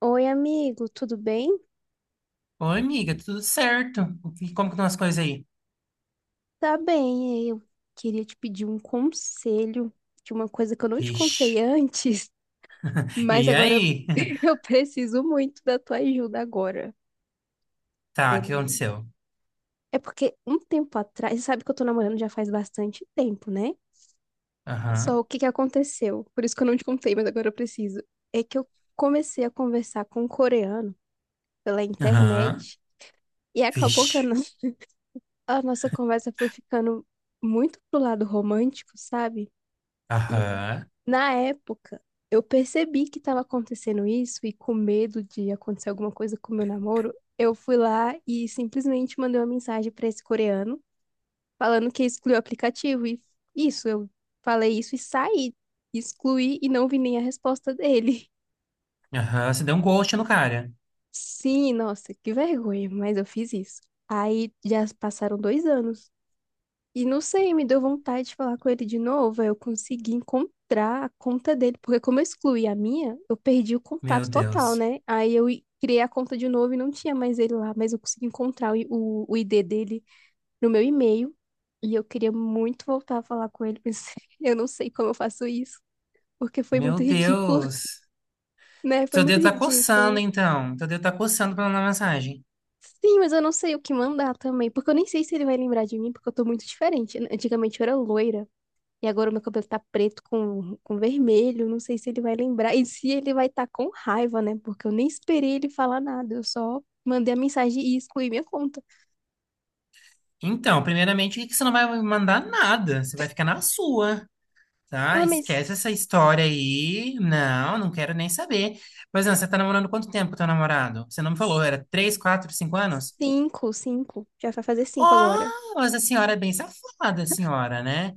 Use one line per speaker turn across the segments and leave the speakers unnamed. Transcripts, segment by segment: Oi, amigo, tudo bem?
Oi, amiga, tudo certo? Como que estão as coisas aí?
Tá bem, eu queria te pedir um conselho de uma coisa que eu não te contei
Vixe.
antes, mas
E
agora eu
aí?
eu preciso muito da tua ajuda agora.
Tá, o que
É
aconteceu?
é porque um tempo atrás, você sabe que eu tô namorando já faz bastante tempo, né? Só
Aham,
o que que aconteceu? Por isso que eu não te contei, mas agora eu preciso. É que eu comecei a conversar com um coreano pela
aham,
internet e acabou que a
vixe.
no- a nossa conversa foi ficando muito pro lado romântico, sabe? E
Aham,
na época, eu percebi que estava acontecendo isso e, com medo de acontecer alguma coisa com o meu namoro, eu fui lá e simplesmente mandei uma mensagem para esse coreano falando que excluiu o aplicativo e isso, eu falei isso e saí, excluí e não vi nem a resposta dele.
aham, você deu um ghost no cara.
Sim, nossa, que vergonha, mas eu fiz isso. Aí já passaram 2 anos. E não sei, me deu vontade de falar com ele de novo. Aí eu consegui encontrar a conta dele, porque como eu excluí a minha, eu perdi o
Meu
contato total,
Deus.
né? Aí eu criei a conta de novo e não tinha mais ele lá, mas eu consegui encontrar o ID dele no meu e-mail. E eu queria muito voltar a falar com ele, mas eu não sei como eu faço isso, porque foi
Meu
muito ridículo,
Deus.
né? Foi
Seu
muito
dedo tá coçando,
ridículo.
então. Seu dedo tá coçando pra mandar mensagem.
Sim, mas eu não sei o que mandar também, porque eu nem sei se ele vai lembrar de mim, porque eu tô muito diferente. Antigamente eu era loira. E agora o meu cabelo tá preto com vermelho, não sei se ele vai lembrar. E se ele vai estar com raiva, né? Porque eu nem esperei ele falar nada, eu só mandei a mensagem e excluí minha conta.
Então, primeiramente, que você não vai mandar nada. Você vai ficar na sua. Tá,
Ah, mas
esquece essa história aí. Não, não quero nem saber. Mas não, você tá namorando quanto tempo com teu namorado? Você não me falou, era 3, 4, 5 anos?
cinco, cinco. Já vai fazer cinco agora.
Oh, mas a senhora é bem safada, a senhora, né?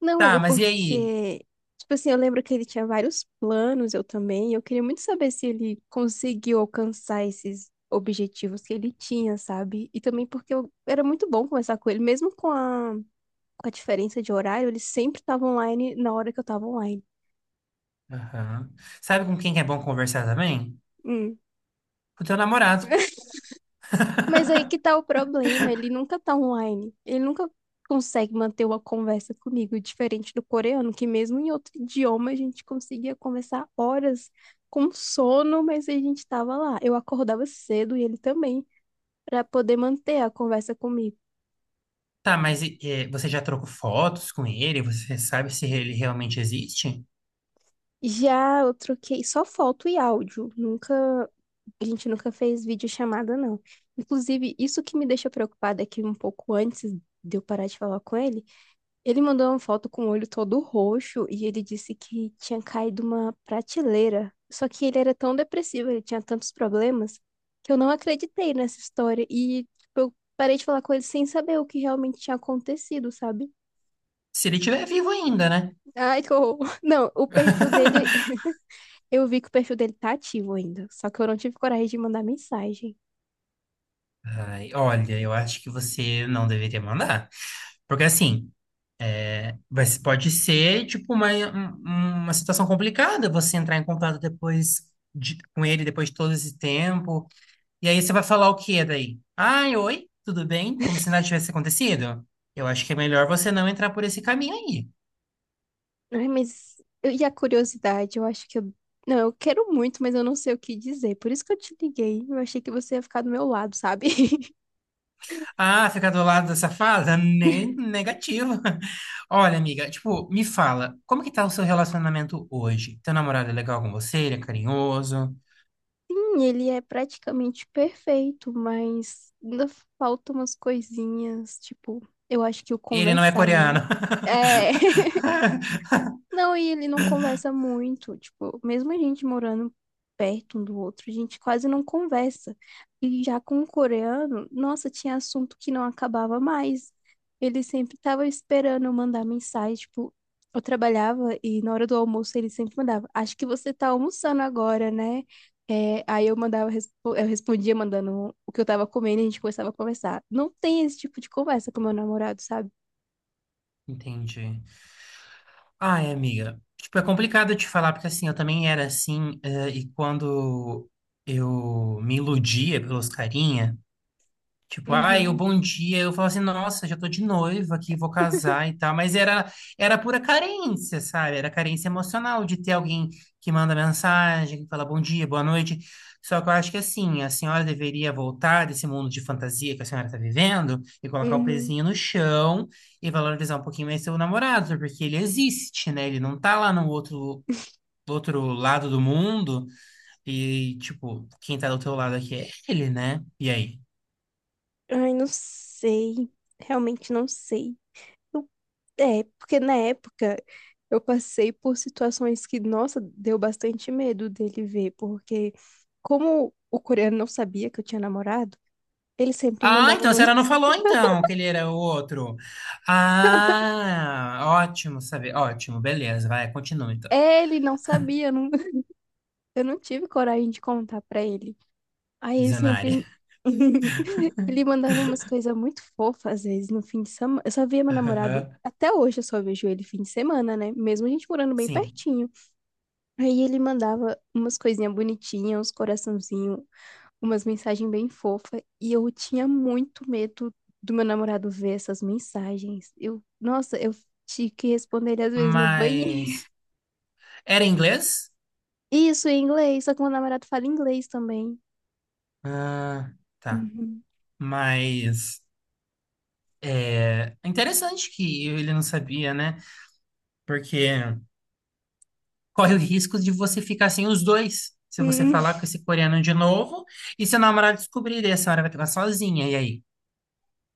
Não, mas
Tá,
é
mas e aí?
porque, tipo assim, eu lembro que ele tinha vários planos, eu também. E eu queria muito saber se ele conseguiu alcançar esses objetivos que ele tinha, sabe? E também porque eu era muito bom conversar com ele, mesmo com a diferença de horário, ele sempre tava online na hora que eu tava online.
Aham. Sabe com quem que é bom conversar também?
Hum.
Com o teu namorado.
Mas aí que tá o problema, ele nunca tá online. Ele nunca consegue manter uma conversa comigo, diferente do coreano, que mesmo em outro idioma a gente conseguia conversar horas com sono, mas a gente tava lá. Eu acordava cedo e ele também, pra poder manter a conversa comigo.
Tá, mas e você já trocou fotos com ele? Você sabe se ele realmente existe?
Já eu troquei só foto e áudio. Nunca, a gente nunca fez videochamada, não. Inclusive, isso que me deixa preocupada é que um pouco antes de eu parar de falar com ele, ele mandou uma foto com o olho todo roxo e ele disse que tinha caído uma prateleira. Só que ele era tão depressivo, ele tinha tantos problemas, que eu não acreditei nessa história. E tipo, eu parei de falar com ele sem saber o que realmente tinha acontecido, sabe?
Se ele estiver vivo ainda, né?
Ai, que horror. Não, o perfil dele, eu vi que o perfil dele tá ativo ainda, só que eu não tive coragem de mandar mensagem.
Ai, olha, eu acho que você não deveria mandar. Porque assim, vai pode ser tipo uma situação complicada você entrar em contato com ele depois de todo esse tempo. E aí você vai falar o quê daí? Ai, oi, tudo bem? Como se nada tivesse acontecido? Eu acho que é melhor você não entrar por esse caminho aí.
Ai, mas eu- e a curiosidade? Eu acho que eu. Não, eu quero muito, mas eu não sei o que dizer. Por isso que eu te liguei. Eu achei que você ia ficar do meu lado, sabe?
Ah, ficar do lado da safada? Nem negativo. Olha, amiga, tipo, me fala, como que tá o seu relacionamento hoje? Teu namorado é legal com você? Ele é carinhoso?
Sim, ele é praticamente perfeito, mas ainda faltam umas coisinhas. Tipo, eu acho que o
Ele não é
conversar
coreano.
mesmo. É. Não, e ele não conversa muito. Tipo, mesmo a gente morando perto um do outro, a gente quase não conversa. E já com o coreano, nossa, tinha assunto que não acabava mais. Ele sempre tava esperando eu mandar mensagem. Tipo, eu trabalhava e na hora do almoço ele sempre mandava: Acho que você tá almoçando agora, né? É, aí eu mandava, eu respondia mandando o que eu tava comendo e a gente começava a conversar. Não tem esse tipo de conversa com meu namorado, sabe?
Entendi. Ai, amiga. Tipo, é complicado te falar, porque assim, eu também era assim, e quando eu me iludia pelos carinha. Tipo, ai, o
Uhum,
bom dia. Eu falo assim, nossa, já tô de noiva aqui, vou casar e tal. Mas era pura carência, sabe? Era carência emocional de ter alguém que manda mensagem, que fala bom dia, boa noite. Só que eu acho que assim, a senhora deveria voltar desse mundo de fantasia que a senhora tá vivendo e colocar o
uhum.
pezinho no chão e valorizar um pouquinho mais seu namorado, porque ele existe, né? Ele não tá lá no outro, Do outro lado do mundo e, tipo, quem tá do teu lado aqui é ele, né? E aí?
Ai, não sei. Realmente não sei. Eu- é, porque na época eu passei por situações que, nossa, deu bastante medo dele ver, porque como o coreano não sabia que eu tinha namorado, ele sempre
Ah,
mandava
então a
umas.
senhora não falou então que ele era o outro. Ah, ótimo saber. Ótimo, beleza. Vai, continua então.
Ele não sabia, eu não, eu não tive coragem de contar pra ele. Aí ele
Visionária.
sempre. Ele mandava umas coisas muito fofas, às vezes, no fim de semana. Eu só via meu namorado, até hoje eu só vejo ele fim de semana, né? Mesmo a gente morando bem
Sim.
pertinho. Aí ele mandava umas coisinhas bonitinhas, uns coraçãozinho, umas mensagens bem fofas. E eu tinha muito medo do meu namorado ver essas mensagens. Eu, nossa, eu tinha que responder ele às vezes no banheiro.
Mas era inglês?
Isso, em inglês, só que meu namorado fala inglês também.
Ah, tá.
Uhum.
Mas é interessante que ele não sabia, né? Porque corre o risco de você ficar sem os dois. Se você
Hum,
falar com esse coreano de novo e seu namorado descobrir, daí a senhora vai ficar sozinha. E aí?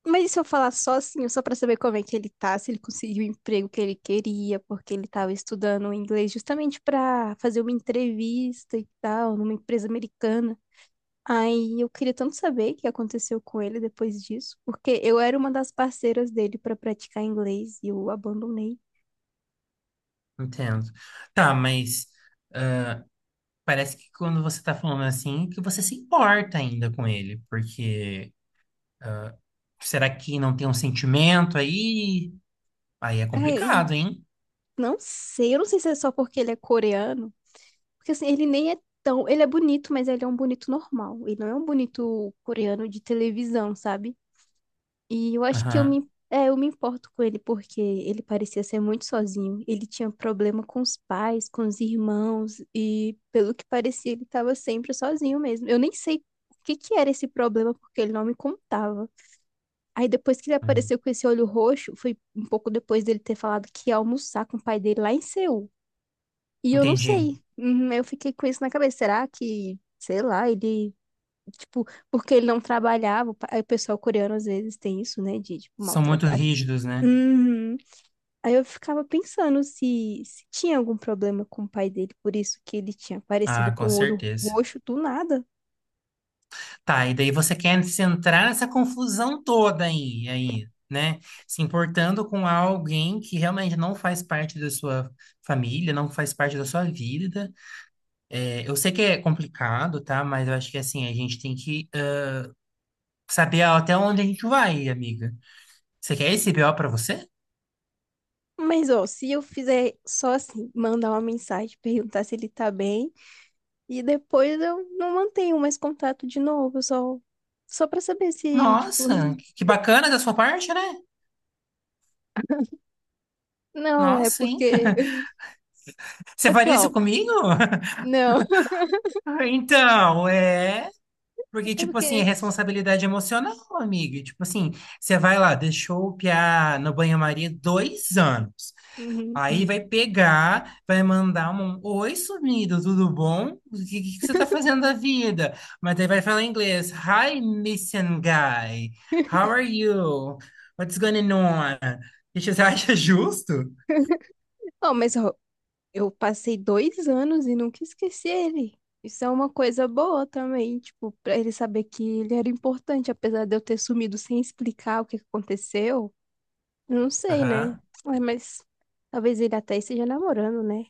mas e se eu falar só assim, só pra saber como é que ele tá, se ele conseguiu o emprego que ele queria, porque ele tava estudando inglês justamente pra fazer uma entrevista e tal, numa empresa americana. Aí eu queria tanto saber o que aconteceu com ele depois disso, porque eu era uma das parceiras dele pra praticar inglês e eu abandonei.
Entendo. Tá, mas parece que quando você tá falando assim, que você se importa ainda com ele, porque será que não tem um sentimento aí? Aí é
Ai,
complicado, hein?
não sei, eu não sei se é só porque ele é coreano, porque assim, ele nem é tão, ele é bonito, mas ele é um bonito normal, ele não é um bonito coreano de televisão, sabe? E eu acho que eu
Aham.
me, eu me importo com ele porque ele parecia ser muito sozinho. Ele tinha problema com os pais, com os irmãos e, pelo que parecia, ele estava sempre sozinho mesmo. Eu nem sei o que que era esse problema porque ele não me contava. Aí depois que ele
Hum.
apareceu com esse olho roxo, foi um pouco depois dele ter falado que ia almoçar com o pai dele lá em Seul. E eu não
Entendi.
sei. Uhum, eu fiquei com isso na cabeça. Será que, sei lá, ele. Tipo, porque ele não trabalhava. Aí o pessoal coreano às vezes tem isso, né? De, tipo,
São muito
maltratar.
rígidos, né?
Uhum. Aí eu ficava pensando se, se tinha algum problema com o pai dele, por isso que ele tinha aparecido
Ah,
com
com
o olho
certeza.
roxo do nada.
Tá, e daí você quer se entrar nessa confusão toda aí, né? Se importando com alguém que realmente não faz parte da sua família, não faz parte da sua vida. É, eu sei que é complicado, tá? Mas eu acho que assim, a gente tem que saber até onde a gente vai, amiga. Você quer esse BO pra você?
Mas, ó, se eu fizer só assim, mandar uma mensagem, perguntar se ele tá bem, e depois eu não mantenho mais contato de novo, eu só pra saber se, tipo,
Nossa, que bacana da sua parte, né?
não, é
Nossa, hein?
porque.
Você
É porque,
faria
ó,
isso comigo?
não,
Então, é. Porque,
é
tipo assim, é
porque.
responsabilidade emocional, amiga. Tipo assim, você vai lá, deixou o piá no banho-maria 2 anos.
Uhum.
Aí vai pegar, vai mandar um oi, sumido, tudo bom? O que, que você tá fazendo da vida? Mas aí vai falar em inglês. Hi, missing guy. How are you? What's going on? E você acha justo?
Ó, mas ó, eu passei 2 anos e nunca esqueci ele. Isso é uma coisa boa também, tipo, pra ele saber que ele era importante, apesar de eu ter sumido sem explicar o que que aconteceu. Eu não sei, né?
Aham.
Ai, mas talvez ele até esteja namorando, né?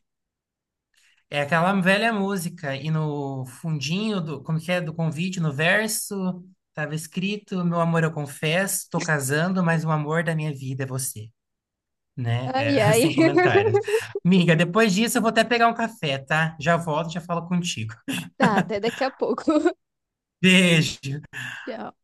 É aquela velha música. E no fundinho do, como que é, do convite, no verso, tava escrito: meu amor, eu confesso, tô casando, mas o amor da minha vida é você, né?
Ai,
É,
ai.
sem comentários. Miga, depois disso eu vou até pegar um café, tá? Já volto, já falo contigo.
Tá, até daqui a pouco.
Beijo.
Tchau.